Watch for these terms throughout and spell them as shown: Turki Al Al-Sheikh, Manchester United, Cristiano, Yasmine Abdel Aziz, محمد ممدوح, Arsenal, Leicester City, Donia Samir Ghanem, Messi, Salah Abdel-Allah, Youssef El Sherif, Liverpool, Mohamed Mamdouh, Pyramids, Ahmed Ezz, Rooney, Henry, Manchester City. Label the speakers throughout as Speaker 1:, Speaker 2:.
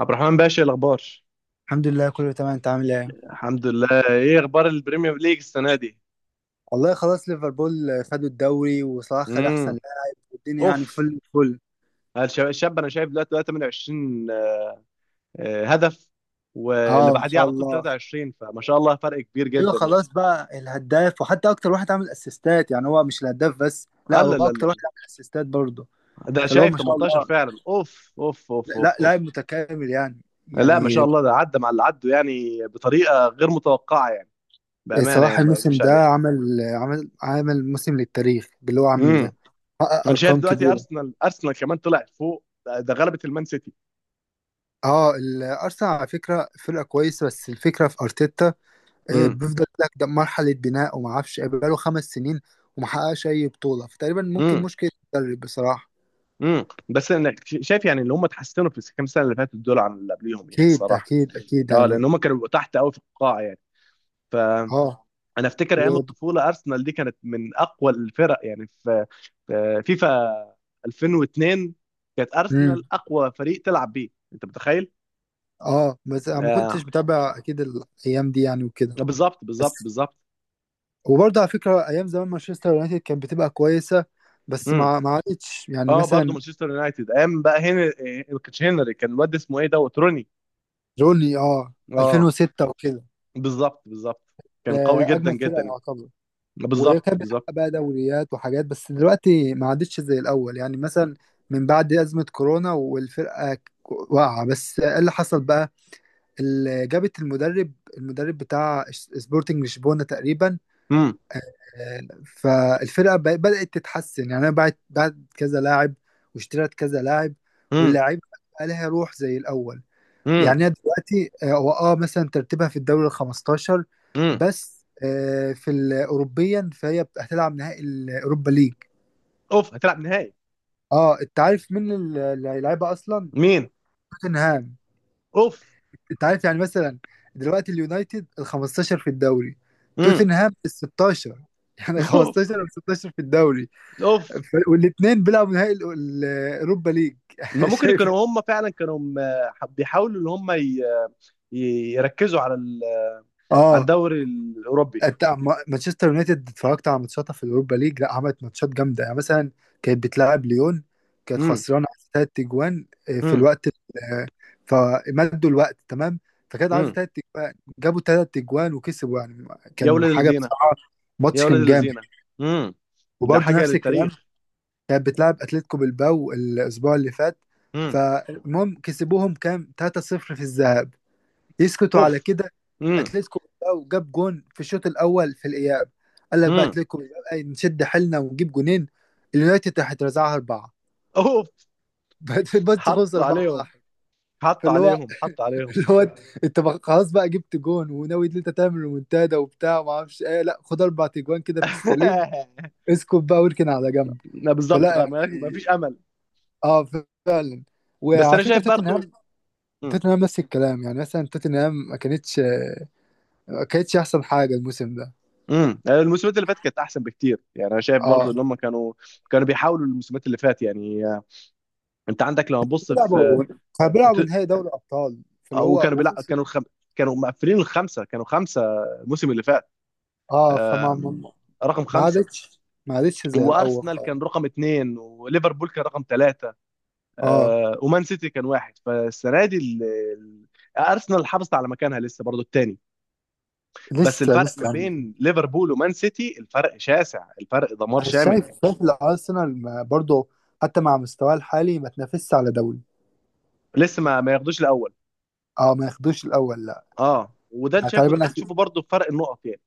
Speaker 1: عبد الرحمن باشا، إيه الاخبار؟
Speaker 2: الحمد لله كله تمام، انت عامل ايه؟
Speaker 1: الحمد لله. ايه اخبار البريمير ليج السنه دي؟
Speaker 2: والله خلاص ليفربول خدوا الدوري وصلاح خد احسن
Speaker 1: امم.
Speaker 2: لاعب. والدنيا يعني
Speaker 1: اوف.
Speaker 2: فل فل.
Speaker 1: الشاب انا شايف دلوقتي بقى 28، آه، هدف. واللي
Speaker 2: اه، ما
Speaker 1: بعديه
Speaker 2: شاء
Speaker 1: على طول
Speaker 2: الله.
Speaker 1: 23، فما شاء الله، فرق كبير
Speaker 2: ايوه،
Speaker 1: جدا يعني.
Speaker 2: خلاص بقى الهداف، وحتى اكتر واحد عامل اسيستات. يعني هو مش الهداف بس، لا،
Speaker 1: لا،
Speaker 2: هو
Speaker 1: لا،
Speaker 2: اكتر واحد
Speaker 1: لا.
Speaker 2: عامل اسيستات برضه.
Speaker 1: لا. ده
Speaker 2: فاللي هو
Speaker 1: شايف
Speaker 2: ما شاء
Speaker 1: 18
Speaker 2: الله،
Speaker 1: فعلا. اوف، اوف، اوف،
Speaker 2: لا
Speaker 1: اوف، اوف.
Speaker 2: لاعب متكامل يعني
Speaker 1: لا، ما شاء
Speaker 2: يعني
Speaker 1: الله، ده عدى مع اللي عدوا يعني بطريقه غير متوقعه يعني. بامانه
Speaker 2: صلاح
Speaker 1: يعني، ما
Speaker 2: الموسم
Speaker 1: يكذبش
Speaker 2: ده
Speaker 1: عليك.
Speaker 2: عمل موسم للتاريخ باللي هو عمله
Speaker 1: امم.
Speaker 2: ده. حقق
Speaker 1: انا شايف
Speaker 2: ارقام
Speaker 1: دلوقتي
Speaker 2: كبيره.
Speaker 1: ارسنال كمان طلعت فوق، ده غلبت المان سيتي.
Speaker 2: اه، الارسنال على فكره فرقه كويسه، بس الفكره في ارتيتا.
Speaker 1: امم.
Speaker 2: بيفضل يقول لك ده مرحله بناء وما اعرفش بقاله خمس سنين وما حققش اي بطوله، فتقريبا ممكن مشكله المدرب بصراحه.
Speaker 1: بس انا شايف يعني اللي هم اتحسنوا في الكام سنه اللي فاتت دول عن اللي قبليهم يعني
Speaker 2: اكيد
Speaker 1: الصراحه.
Speaker 2: اكيد اكيد
Speaker 1: اه، لان
Speaker 2: يعني.
Speaker 1: هم كانوا بيبقوا تحت قوي في القاع يعني. فانا
Speaker 2: اه
Speaker 1: افتكر ايام
Speaker 2: و...
Speaker 1: الطفوله ارسنال دي كانت من اقوى الفرق يعني، في فيفا 2002 كانت
Speaker 2: مم.
Speaker 1: ارسنال اقوى فريق تلعب بيه، انت متخيل.
Speaker 2: اه، بس انا ما
Speaker 1: آه،
Speaker 2: كنتش متابع اكيد الايام دي يعني وكده.
Speaker 1: بالظبط، بالظبط،
Speaker 2: بس،
Speaker 1: بالظبط.
Speaker 2: وبرضه على فكره ايام زمان مانشستر يونايتد كانت بتبقى كويسه، بس
Speaker 1: امم.
Speaker 2: ما ما عادتش، يعني
Speaker 1: اه، برضه
Speaker 2: مثلا
Speaker 1: مانشستر يونايتد ايام بقى هنا، كان هنري، كان الواد اسمه ايه، دوت روني.
Speaker 2: روني، اه،
Speaker 1: اه،
Speaker 2: 2006 وكده.
Speaker 1: بالظبط، بالظبط.
Speaker 2: ده
Speaker 1: كان قوي جدا
Speaker 2: اجمد فرقه
Speaker 1: جدا يعني.
Speaker 2: يعتبر،
Speaker 1: بالظبط،
Speaker 2: وكان
Speaker 1: بالظبط.
Speaker 2: بيتحقق بقى دوريات وحاجات، بس دلوقتي ما عادتش زي الأول، يعني مثلا من بعد أزمة كورونا والفرقة واقعة. بس إيه اللي حصل بقى؟ اللي جابت المدرب بتاع سبورتنج لشبونة تقريبا. آه، فالفرقة بدأت تتحسن، يعني أنا بعت كذا لاعب واشتريت كذا لاعب،
Speaker 1: امم،
Speaker 2: واللاعب بقى لها روح زي الأول.
Speaker 1: امم،
Speaker 2: يعني هي دلوقتي هو مثلا ترتيبها في الدوري ال 15،
Speaker 1: امم.
Speaker 2: بس في الاوروبيا فهي هتلعب نهائي الاوروبا ليج.
Speaker 1: اوف، هتلعب نهائي.
Speaker 2: اه، انت عارف مين اللي هيلعبها اصلا؟
Speaker 1: مين؟
Speaker 2: توتنهام.
Speaker 1: اوف.
Speaker 2: انت عارف، يعني مثلا دلوقتي اليونايتد ال 15 في الدوري،
Speaker 1: امم.
Speaker 2: توتنهام ال 16، يعني
Speaker 1: اوف.
Speaker 2: 15 و 16 في الدوري،
Speaker 1: اوف.
Speaker 2: والاثنين بيلعبوا نهائي الاوروبا ليج.
Speaker 1: ما ممكن
Speaker 2: شايف؟
Speaker 1: يكونوا هم فعلا كانوا بيحاولوا ان هم يركزوا على على
Speaker 2: اه.
Speaker 1: الدوري الاوروبي.
Speaker 2: أنت، مانشستر يونايتد اتفرجت على ماتشاتها في الأوروبا ليج؟ لا، عملت ماتشات جامدة، يعني مثلا كانت بتلاعب ليون، كانت
Speaker 1: امم،
Speaker 2: خسرانة ثلاث أجوان في
Speaker 1: امم،
Speaker 2: الوقت آه، فمدوا الوقت تمام، فكانت عايزة
Speaker 1: امم.
Speaker 2: ثلاث أجوان، جابوا ثلاث أجوان وكسبوا، يعني
Speaker 1: يا
Speaker 2: كان
Speaker 1: ولاد
Speaker 2: حاجة
Speaker 1: الذين.
Speaker 2: بصراحة.
Speaker 1: يا
Speaker 2: ماتش
Speaker 1: ولاد
Speaker 2: كان جامد.
Speaker 1: الذين. امم. ده
Speaker 2: وبرضه
Speaker 1: حاجه
Speaker 2: نفس الكلام،
Speaker 1: للتاريخ.
Speaker 2: كانت بتلعب أتلتيكو بالباو الأسبوع اللي فات.
Speaker 1: امم.
Speaker 2: فالمهم كسبوهم كام 3-0 في الذهاب، يسكتوا
Speaker 1: اوف.
Speaker 2: على كده؟
Speaker 1: امم.
Speaker 2: اتلتيكو بيلباو جاب جون في الشوط الاول في الاياب. قال لك بقى
Speaker 1: امم.
Speaker 2: اتلتيكو بيلباو، أي نشد حيلنا ونجيب جونين. اليونايتد راح يترزعها اربعه.
Speaker 1: اوف.
Speaker 2: بس
Speaker 1: حط
Speaker 2: خسر
Speaker 1: عليهم،
Speaker 2: 4-1.
Speaker 1: حط
Speaker 2: فاللي هو
Speaker 1: عليهم، حط عليهم.
Speaker 2: اللي هو انت خلاص بقى جبت جون وناوي ان انت تعمل ريمونتادا وبتاع وما اعرفش ايه؟ لا، خد اربع تجوان كده في السليم. اسكت بقى واركن على جنب.
Speaker 1: لا، بالظبط.
Speaker 2: فلا
Speaker 1: ما
Speaker 2: يعني.
Speaker 1: ما فيش امل.
Speaker 2: اه، فعلا.
Speaker 1: بس
Speaker 2: وعلى
Speaker 1: انا
Speaker 2: فكره
Speaker 1: شايف
Speaker 2: توتنهام
Speaker 1: برضو.
Speaker 2: توتنهام نفس الكلام. يعني مثلا توتنهام ما كانتش احسن حاجه الموسم ده.
Speaker 1: امم. الموسمات اللي فاتت كانت احسن بكتير يعني، انا شايف برضو
Speaker 2: اه،
Speaker 1: ان هم كانوا، كانوا بيحاولوا الموسمات اللي فات يعني آه، انت عندك لما تبص في
Speaker 2: بيلعبوا كانوا بيلعبوا
Speaker 1: ت-
Speaker 2: نهائي دوري ابطال فاللي
Speaker 1: او
Speaker 2: هو
Speaker 1: كانوا بيلع...
Speaker 2: وخسر.
Speaker 1: كانوا الخم... كانوا مقفلين الخمسه، كانوا خمسه الموسم اللي فات.
Speaker 2: اه، فما
Speaker 1: آم،
Speaker 2: ما
Speaker 1: رقم
Speaker 2: ما
Speaker 1: خمسه،
Speaker 2: عادتش ما عادتش زي الاول.
Speaker 1: وارسنال
Speaker 2: اه.
Speaker 1: كان رقم اثنين، وليفربول كان رقم ثلاثه،
Speaker 2: آه،
Speaker 1: ومان سيتي كان واحد. فالسنه دي ال- ارسنال حافظت على مكانها لسه برضو الثاني. بس
Speaker 2: لسه
Speaker 1: الفرق
Speaker 2: لسه
Speaker 1: ما
Speaker 2: يعني.
Speaker 1: بين ليفربول ومان سيتي الفرق شاسع، الفرق دمار
Speaker 2: انا
Speaker 1: شامل
Speaker 2: شايف،
Speaker 1: يعني.
Speaker 2: الارسنال، برضه حتى مع مستواه الحالي ما تنافسش على دوري.
Speaker 1: لسه ما ياخدوش الاول.
Speaker 2: اه، ما ياخدوش الاول، لا.
Speaker 1: اه، وده انت
Speaker 2: يعني
Speaker 1: شايفه،
Speaker 2: تقريبا
Speaker 1: بتشوفه برضه في فرق النقط يعني.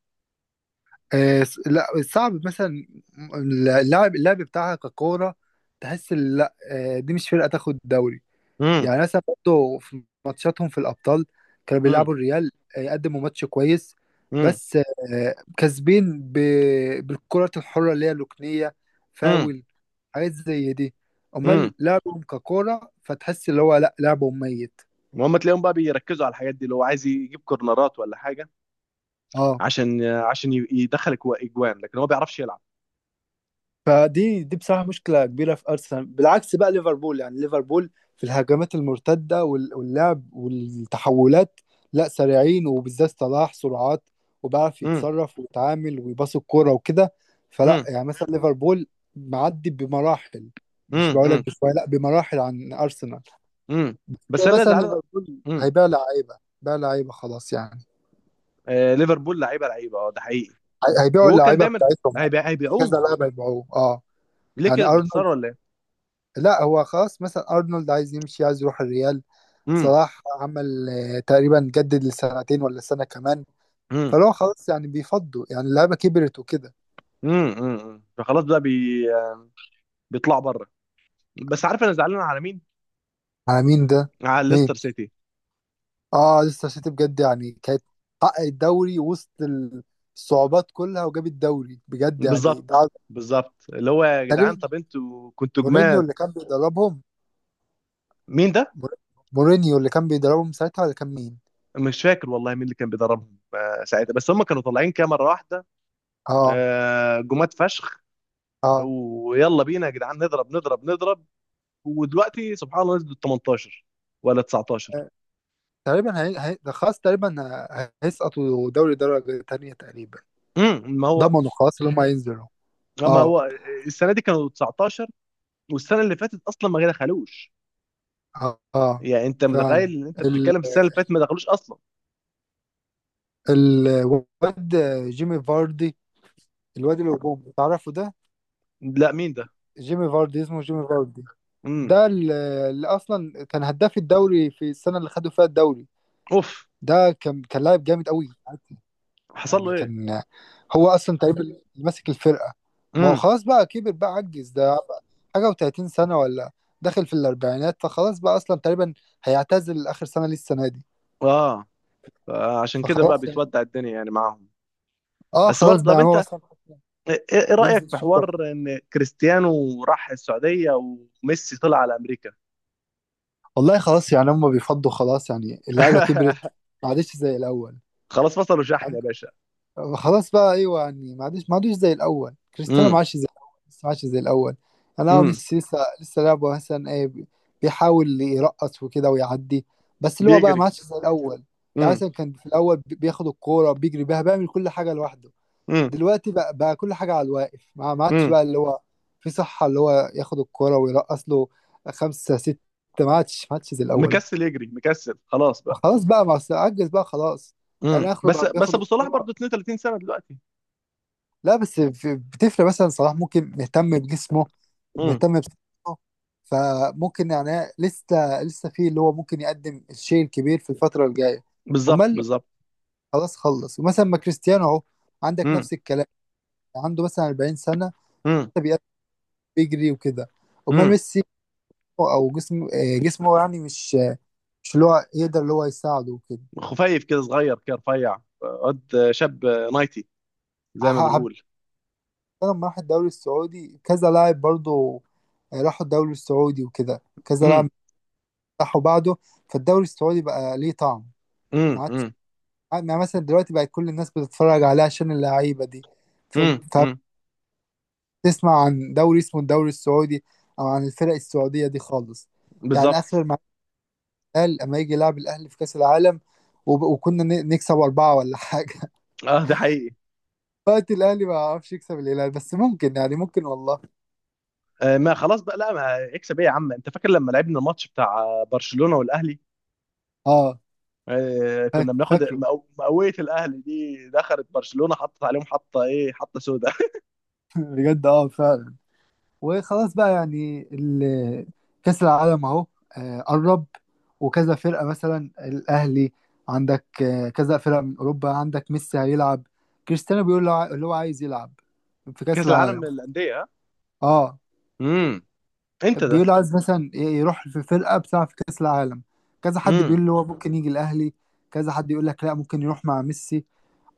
Speaker 2: لا، صعب. مثلا اللاعب بتاعها ككوره، تحس إن لا، دي مش فرقه تاخد دوري.
Speaker 1: امم،
Speaker 2: يعني مثلا برضه في ماتشاتهم في الأبطال كانوا
Speaker 1: امم،
Speaker 2: بيلعبوا الريال، قدموا ماتش كويس،
Speaker 1: امم،
Speaker 2: بس كسبين بالكرة الحرة اللي هي الركنية،
Speaker 1: امم،
Speaker 2: فاول حاجات زي دي.
Speaker 1: امم.
Speaker 2: أمال لعبهم ككورة فتحس اللي هو لأ، لعبهم ميت.
Speaker 1: وهم تلاقيهم بقى بيركزوا على الحاجات دي، اللي هو عايز يجيب كورنرات ولا حاجه،
Speaker 2: اه،
Speaker 1: عشان يدخل اجوان، لكن هو ما بيعرفش يلعب.
Speaker 2: فدي بصراحة مشكلة كبيرة في أرسنال. بالعكس بقى ليفربول، يعني ليفربول في الهجمات المرتدة واللعب والتحولات، لا، سريعين، وبالذات صلاح، سرعات، وبيعرف
Speaker 1: امم،
Speaker 2: يتصرف ويتعامل ويباص الكورة وكده. فلا
Speaker 1: امم،
Speaker 2: يعني، مثلا ليفربول معدي بمراحل. مش بقول لك
Speaker 1: امم،
Speaker 2: بشوية، لا، بمراحل عن أرسنال.
Speaker 1: امم. بس
Speaker 2: زي
Speaker 1: انا اللي
Speaker 2: مثلا
Speaker 1: زعلان.
Speaker 2: ليفربول
Speaker 1: امم.
Speaker 2: هيبيع لعيبة، بيع لعيبة خلاص يعني.
Speaker 1: آه، ليفربول لعيبه لعيبه، اه، ده حقيقي.
Speaker 2: هيبيعوا
Speaker 1: وهو كان
Speaker 2: اللعيبة
Speaker 1: دايما.
Speaker 2: بتاعتهم، كذا
Speaker 1: هيبيعوهم.
Speaker 2: لاعب هيبيعوه، اه.
Speaker 1: ليه
Speaker 2: يعني
Speaker 1: كده
Speaker 2: أرنولد،
Speaker 1: بيخسروا ولا ايه؟
Speaker 2: لا هو خلاص مثلا ارنولد عايز يمشي، عايز يروح الريال.
Speaker 1: امم،
Speaker 2: صلاح عمل تقريبا جدد لسنتين ولا سنة كمان.
Speaker 1: امم،
Speaker 2: فلو خلاص يعني بيفضوا، يعني اللعيبة كبرت وكده.
Speaker 1: امم. فخلاص بقى بيطلعوا بره. بس عارف انا زعلان على مين؟
Speaker 2: على مين ده؟
Speaker 1: على
Speaker 2: مين؟
Speaker 1: ليستر سيتي.
Speaker 2: اه، لسه سيتي بجد يعني، كانت حقق الدوري وسط الصعوبات كلها وجاب الدوري، بجد يعني
Speaker 1: بالظبط،
Speaker 2: ده.
Speaker 1: بالظبط. اللي هو يا جدعان،
Speaker 2: تقريبا
Speaker 1: طب انتوا كنتوا
Speaker 2: مورينيو
Speaker 1: جماد.
Speaker 2: اللي كان بيدربهم.
Speaker 1: مين ده؟
Speaker 2: مور- مورينيو اللي كان بيدربهم ساعتها، ولا كان مين؟
Speaker 1: مش فاكر والله مين اللي كان بيدربهم آه، ساعتها، بس هم كانوا طالعين كده مره واحده.
Speaker 2: اه.
Speaker 1: آه، جماد فشخ.
Speaker 2: اه،
Speaker 1: ويلا بينا يا جدعان، نضرب، نضرب، نضرب. ودلوقتي سبحان الله نزلوا 18 ولا 19.
Speaker 2: تقريبا ده خلاص تقريبا هيسقطوا دوري درجة تانية تقريبا.
Speaker 1: امم. ما هو
Speaker 2: ضمنوا خلاص اللي هم هينزلوا.
Speaker 1: ما
Speaker 2: اه.
Speaker 1: هو السنه دي كانوا 19، والسنه اللي فاتت اصلا ما دخلوش.
Speaker 2: اه،
Speaker 1: يعني انت متخيل
Speaker 2: فعلا.
Speaker 1: ان انت
Speaker 2: ال...
Speaker 1: بتتكلم في السنه اللي فاتت ما دخلوش اصلا.
Speaker 2: الواد، جيمي فاردي، الواد الهجوم تعرفه ده؟
Speaker 1: لا، مين ده؟
Speaker 2: جيمي فاردي اسمه، جيمي فاردي.
Speaker 1: امم.
Speaker 2: ده اللي اصلا كان هداف الدوري في السنه اللي خدوا فيها الدوري.
Speaker 1: اوف.
Speaker 2: ده كان، لاعب جامد قوي.
Speaker 1: حصل له
Speaker 2: يعني
Speaker 1: ايه؟
Speaker 2: كان، هو اصلا تقريبا اللي ماسك الفرقه. ما هو
Speaker 1: امم.
Speaker 2: خلاص بقى كبر، بقى عجز ده. حاجه و30 سنه، ولا داخل في الاربعينات، فخلاص بقى اصلا تقريبا هيعتزل اخر سنه ليه السنه دي.
Speaker 1: اه، فعشان كده بقى
Speaker 2: فخلاص.
Speaker 1: بتودع الدنيا يعني معاهم.
Speaker 2: اه،
Speaker 1: بس
Speaker 2: خلاص
Speaker 1: برضه
Speaker 2: بقى
Speaker 1: طب
Speaker 2: يعني هو
Speaker 1: انت،
Speaker 2: مثلا
Speaker 1: ايه، إيه
Speaker 2: بينزل
Speaker 1: رأيك في
Speaker 2: الشوط.
Speaker 1: حوار ان كريستيانو راح السعودية وميسي طلع على امريكا.
Speaker 2: والله خلاص يعني هم بيفضوا خلاص، يعني اللعيبه كبرت، ما عادش زي الاول.
Speaker 1: خلاص، فصلوا شحن يا
Speaker 2: عاد-
Speaker 1: باشا.
Speaker 2: خلاص بقى، ايوه يعني ما عادش، ما عادش زي الاول، كريستيانو ما
Speaker 1: امم،
Speaker 2: عادش زي الاول، لسه ما عادش زي الاول. انا هو
Speaker 1: امم.
Speaker 2: ميسي لسه لسه لعبه، مثلا ايه، بيحاول يرقص وكده ويعدي، بس اللي هو بقى ما
Speaker 1: بيجري.
Speaker 2: عادش زي الاول. يعني
Speaker 1: امم،
Speaker 2: مثلا كان في الاول بياخد الكوره، بيجري بيها، بيعمل كل حاجه لوحده.
Speaker 1: امم،
Speaker 2: دلوقتي بقى، كل حاجة على الواقف، ما عادش
Speaker 1: امم.
Speaker 2: بقى اللي هو في صحة اللي هو ياخد الكرة ويرقص له خمسة ستة. ما عادش زي الأول.
Speaker 1: مكسل يجري، مكسل، خلاص بقى.
Speaker 2: خلاص بقى، ما أصل عجز بقى، خلاص.
Speaker 1: امم.
Speaker 2: يعني آخره
Speaker 1: بس
Speaker 2: بقى
Speaker 1: بس
Speaker 2: بياخد
Speaker 1: ابو صلاح
Speaker 2: الكرة.
Speaker 1: برضه 32 سنة دلوقتي.
Speaker 2: لا، بس بتفرق، مثلا صلاح ممكن مهتم بجسمه،
Speaker 1: امم.
Speaker 2: مهتم بصحته، فممكن يعني لسه لسه في اللي هو ممكن يقدم الشيء الكبير في الفترة الجاية.
Speaker 1: بالظبط،
Speaker 2: أمال.
Speaker 1: بالظبط.
Speaker 2: خلص، ومثلا ما كريستيانو أهو، عندك
Speaker 1: امم،
Speaker 2: نفس الكلام. عنده مثلا 40 سنة
Speaker 1: امم،
Speaker 2: بيجري وكده. امال
Speaker 1: امم.
Speaker 2: ميسي، او جسم جسمه يعني مش مش اللي هو يقدر اللي هو يساعده وكده.
Speaker 1: خفيف كده، صغير كده، رفيع قد شاب نايتي،
Speaker 2: ح-
Speaker 1: زي ما
Speaker 2: ح-
Speaker 1: بنقول.
Speaker 2: لما راح الدوري السعودي كذا لاعب برضه، راحوا الدوري السعودي وكده، كذا
Speaker 1: امم،
Speaker 2: لاعب راحوا بعده. فالدوري السعودي بقى ليه طعم، ما
Speaker 1: امم،
Speaker 2: عادش.
Speaker 1: امم،
Speaker 2: يعني مثلا دلوقتي بقى كل الناس بتتفرج عليه عشان اللعيبة دي. ف-
Speaker 1: امم.
Speaker 2: فبتسمع عن دوري اسمه الدوري السعودي، او عن الفرق السعودية دي خالص. يعني
Speaker 1: بالظبط.
Speaker 2: اخر، الهلال اما يجي يلعب الاهلي في كاس العالم، وكنا نكسب اربعه ولا حاجه.
Speaker 1: اه، ده حقيقي.
Speaker 2: وقت الاهلي ما عرفش يكسب الهلال، بس ممكن يعني، ممكن والله.
Speaker 1: آه، ما خلاص بقى، لا ما اكسب ايه يا عم. انت فاكر لما لعبنا الماتش بتاع برشلونة والاهلي؟
Speaker 2: اه.
Speaker 1: آه، كنا بناخد
Speaker 2: فاكره؟
Speaker 1: مقاوية، الاهلي دي دخلت برشلونة، حطت عليهم حطة ايه، حطة سوداء.
Speaker 2: بجد، اه فعلا. وخلاص بقى يعني كاس العالم اهو، قرب، وكذا فرقه، مثلا الاهلي عندك، كذا فرقه من اوروبا، عندك ميسي هيلعب، كريستيانو بيقول له اللي هو عايز يلعب في كاس
Speaker 1: كأس
Speaker 2: العالم.
Speaker 1: العالم للأندية، ها.
Speaker 2: اه،
Speaker 1: امم. انت ده.
Speaker 2: بيقول عايز مثلا يروح في فرقة بتلعب في كأس العالم. كذا حد
Speaker 1: امم،
Speaker 2: بيقول اللي هو ممكن يجي الأهلي، كذا حد يقول لك لا، ممكن يروح مع ميسي،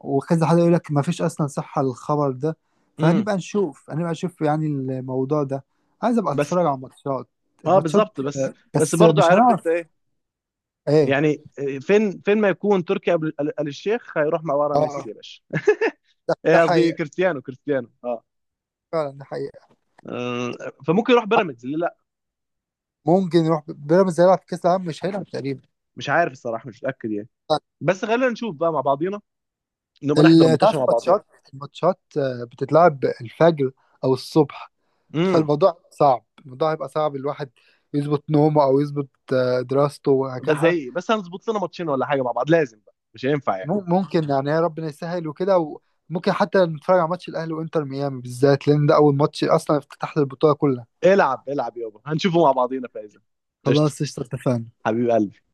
Speaker 2: وكذا حد يقول لك ما فيش أصلا صحة للخبر ده.
Speaker 1: امم.
Speaker 2: فهنبقى نشوف هنبقى نشوف يعني الموضوع ده. عايز أبقى
Speaker 1: بس،
Speaker 2: أتفرج على
Speaker 1: اه،
Speaker 2: الماتشات.
Speaker 1: بالظبط. بس، بس
Speaker 2: بس
Speaker 1: برضو،
Speaker 2: مش
Speaker 1: عارف انت
Speaker 2: هنعرف
Speaker 1: ايه،
Speaker 2: إيه.
Speaker 1: يعني آه، فين ما يكون تركي آل الشيخ هيروح مع ورا
Speaker 2: اه.
Speaker 1: ميسي يا باشا.
Speaker 2: ده
Speaker 1: آه، قصدي
Speaker 2: حقيقة.
Speaker 1: كريستيانو، كريستيانو اه.
Speaker 2: فعلا، ده حقيقة.
Speaker 1: آه، فممكن يروح بيراميدز، ليه لا.
Speaker 2: ممكن يروح بيراميدز، هيلعب في كأس العالم مش هيلعب، تقريبا.
Speaker 1: مش عارف الصراحة، مش متأكد يعني. بس خلينا نشوف بقى مع بعضينا، نبقى نحضر الماتش
Speaker 2: تعرف
Speaker 1: مع بعضينا.
Speaker 2: الماتشات، الماتشات بتتلعب الفجر أو الصبح،
Speaker 1: امم.
Speaker 2: فالموضوع صعب، الموضوع هيبقى صعب الواحد يظبط نومه، او يظبط دراسته
Speaker 1: ده
Speaker 2: وهكذا.
Speaker 1: حقيقي، بس هنظبط لنا ماتشين ولا حاجه مع بعض لازم، بقى مش هينفع يعني.
Speaker 2: ممكن يعني، يا ربنا يسهل وكده. وممكن حتى نتفرج على ماتش الاهلي وانتر ميامي، بالذات لان ده اول ماتش اصلا، افتتاح للبطوله كلها.
Speaker 1: العب العب يابا، هنشوفه مع بعضينا. فايزه. قشطه.
Speaker 2: خلاص قشطه، اتفقنا.
Speaker 1: حبيب قلبي.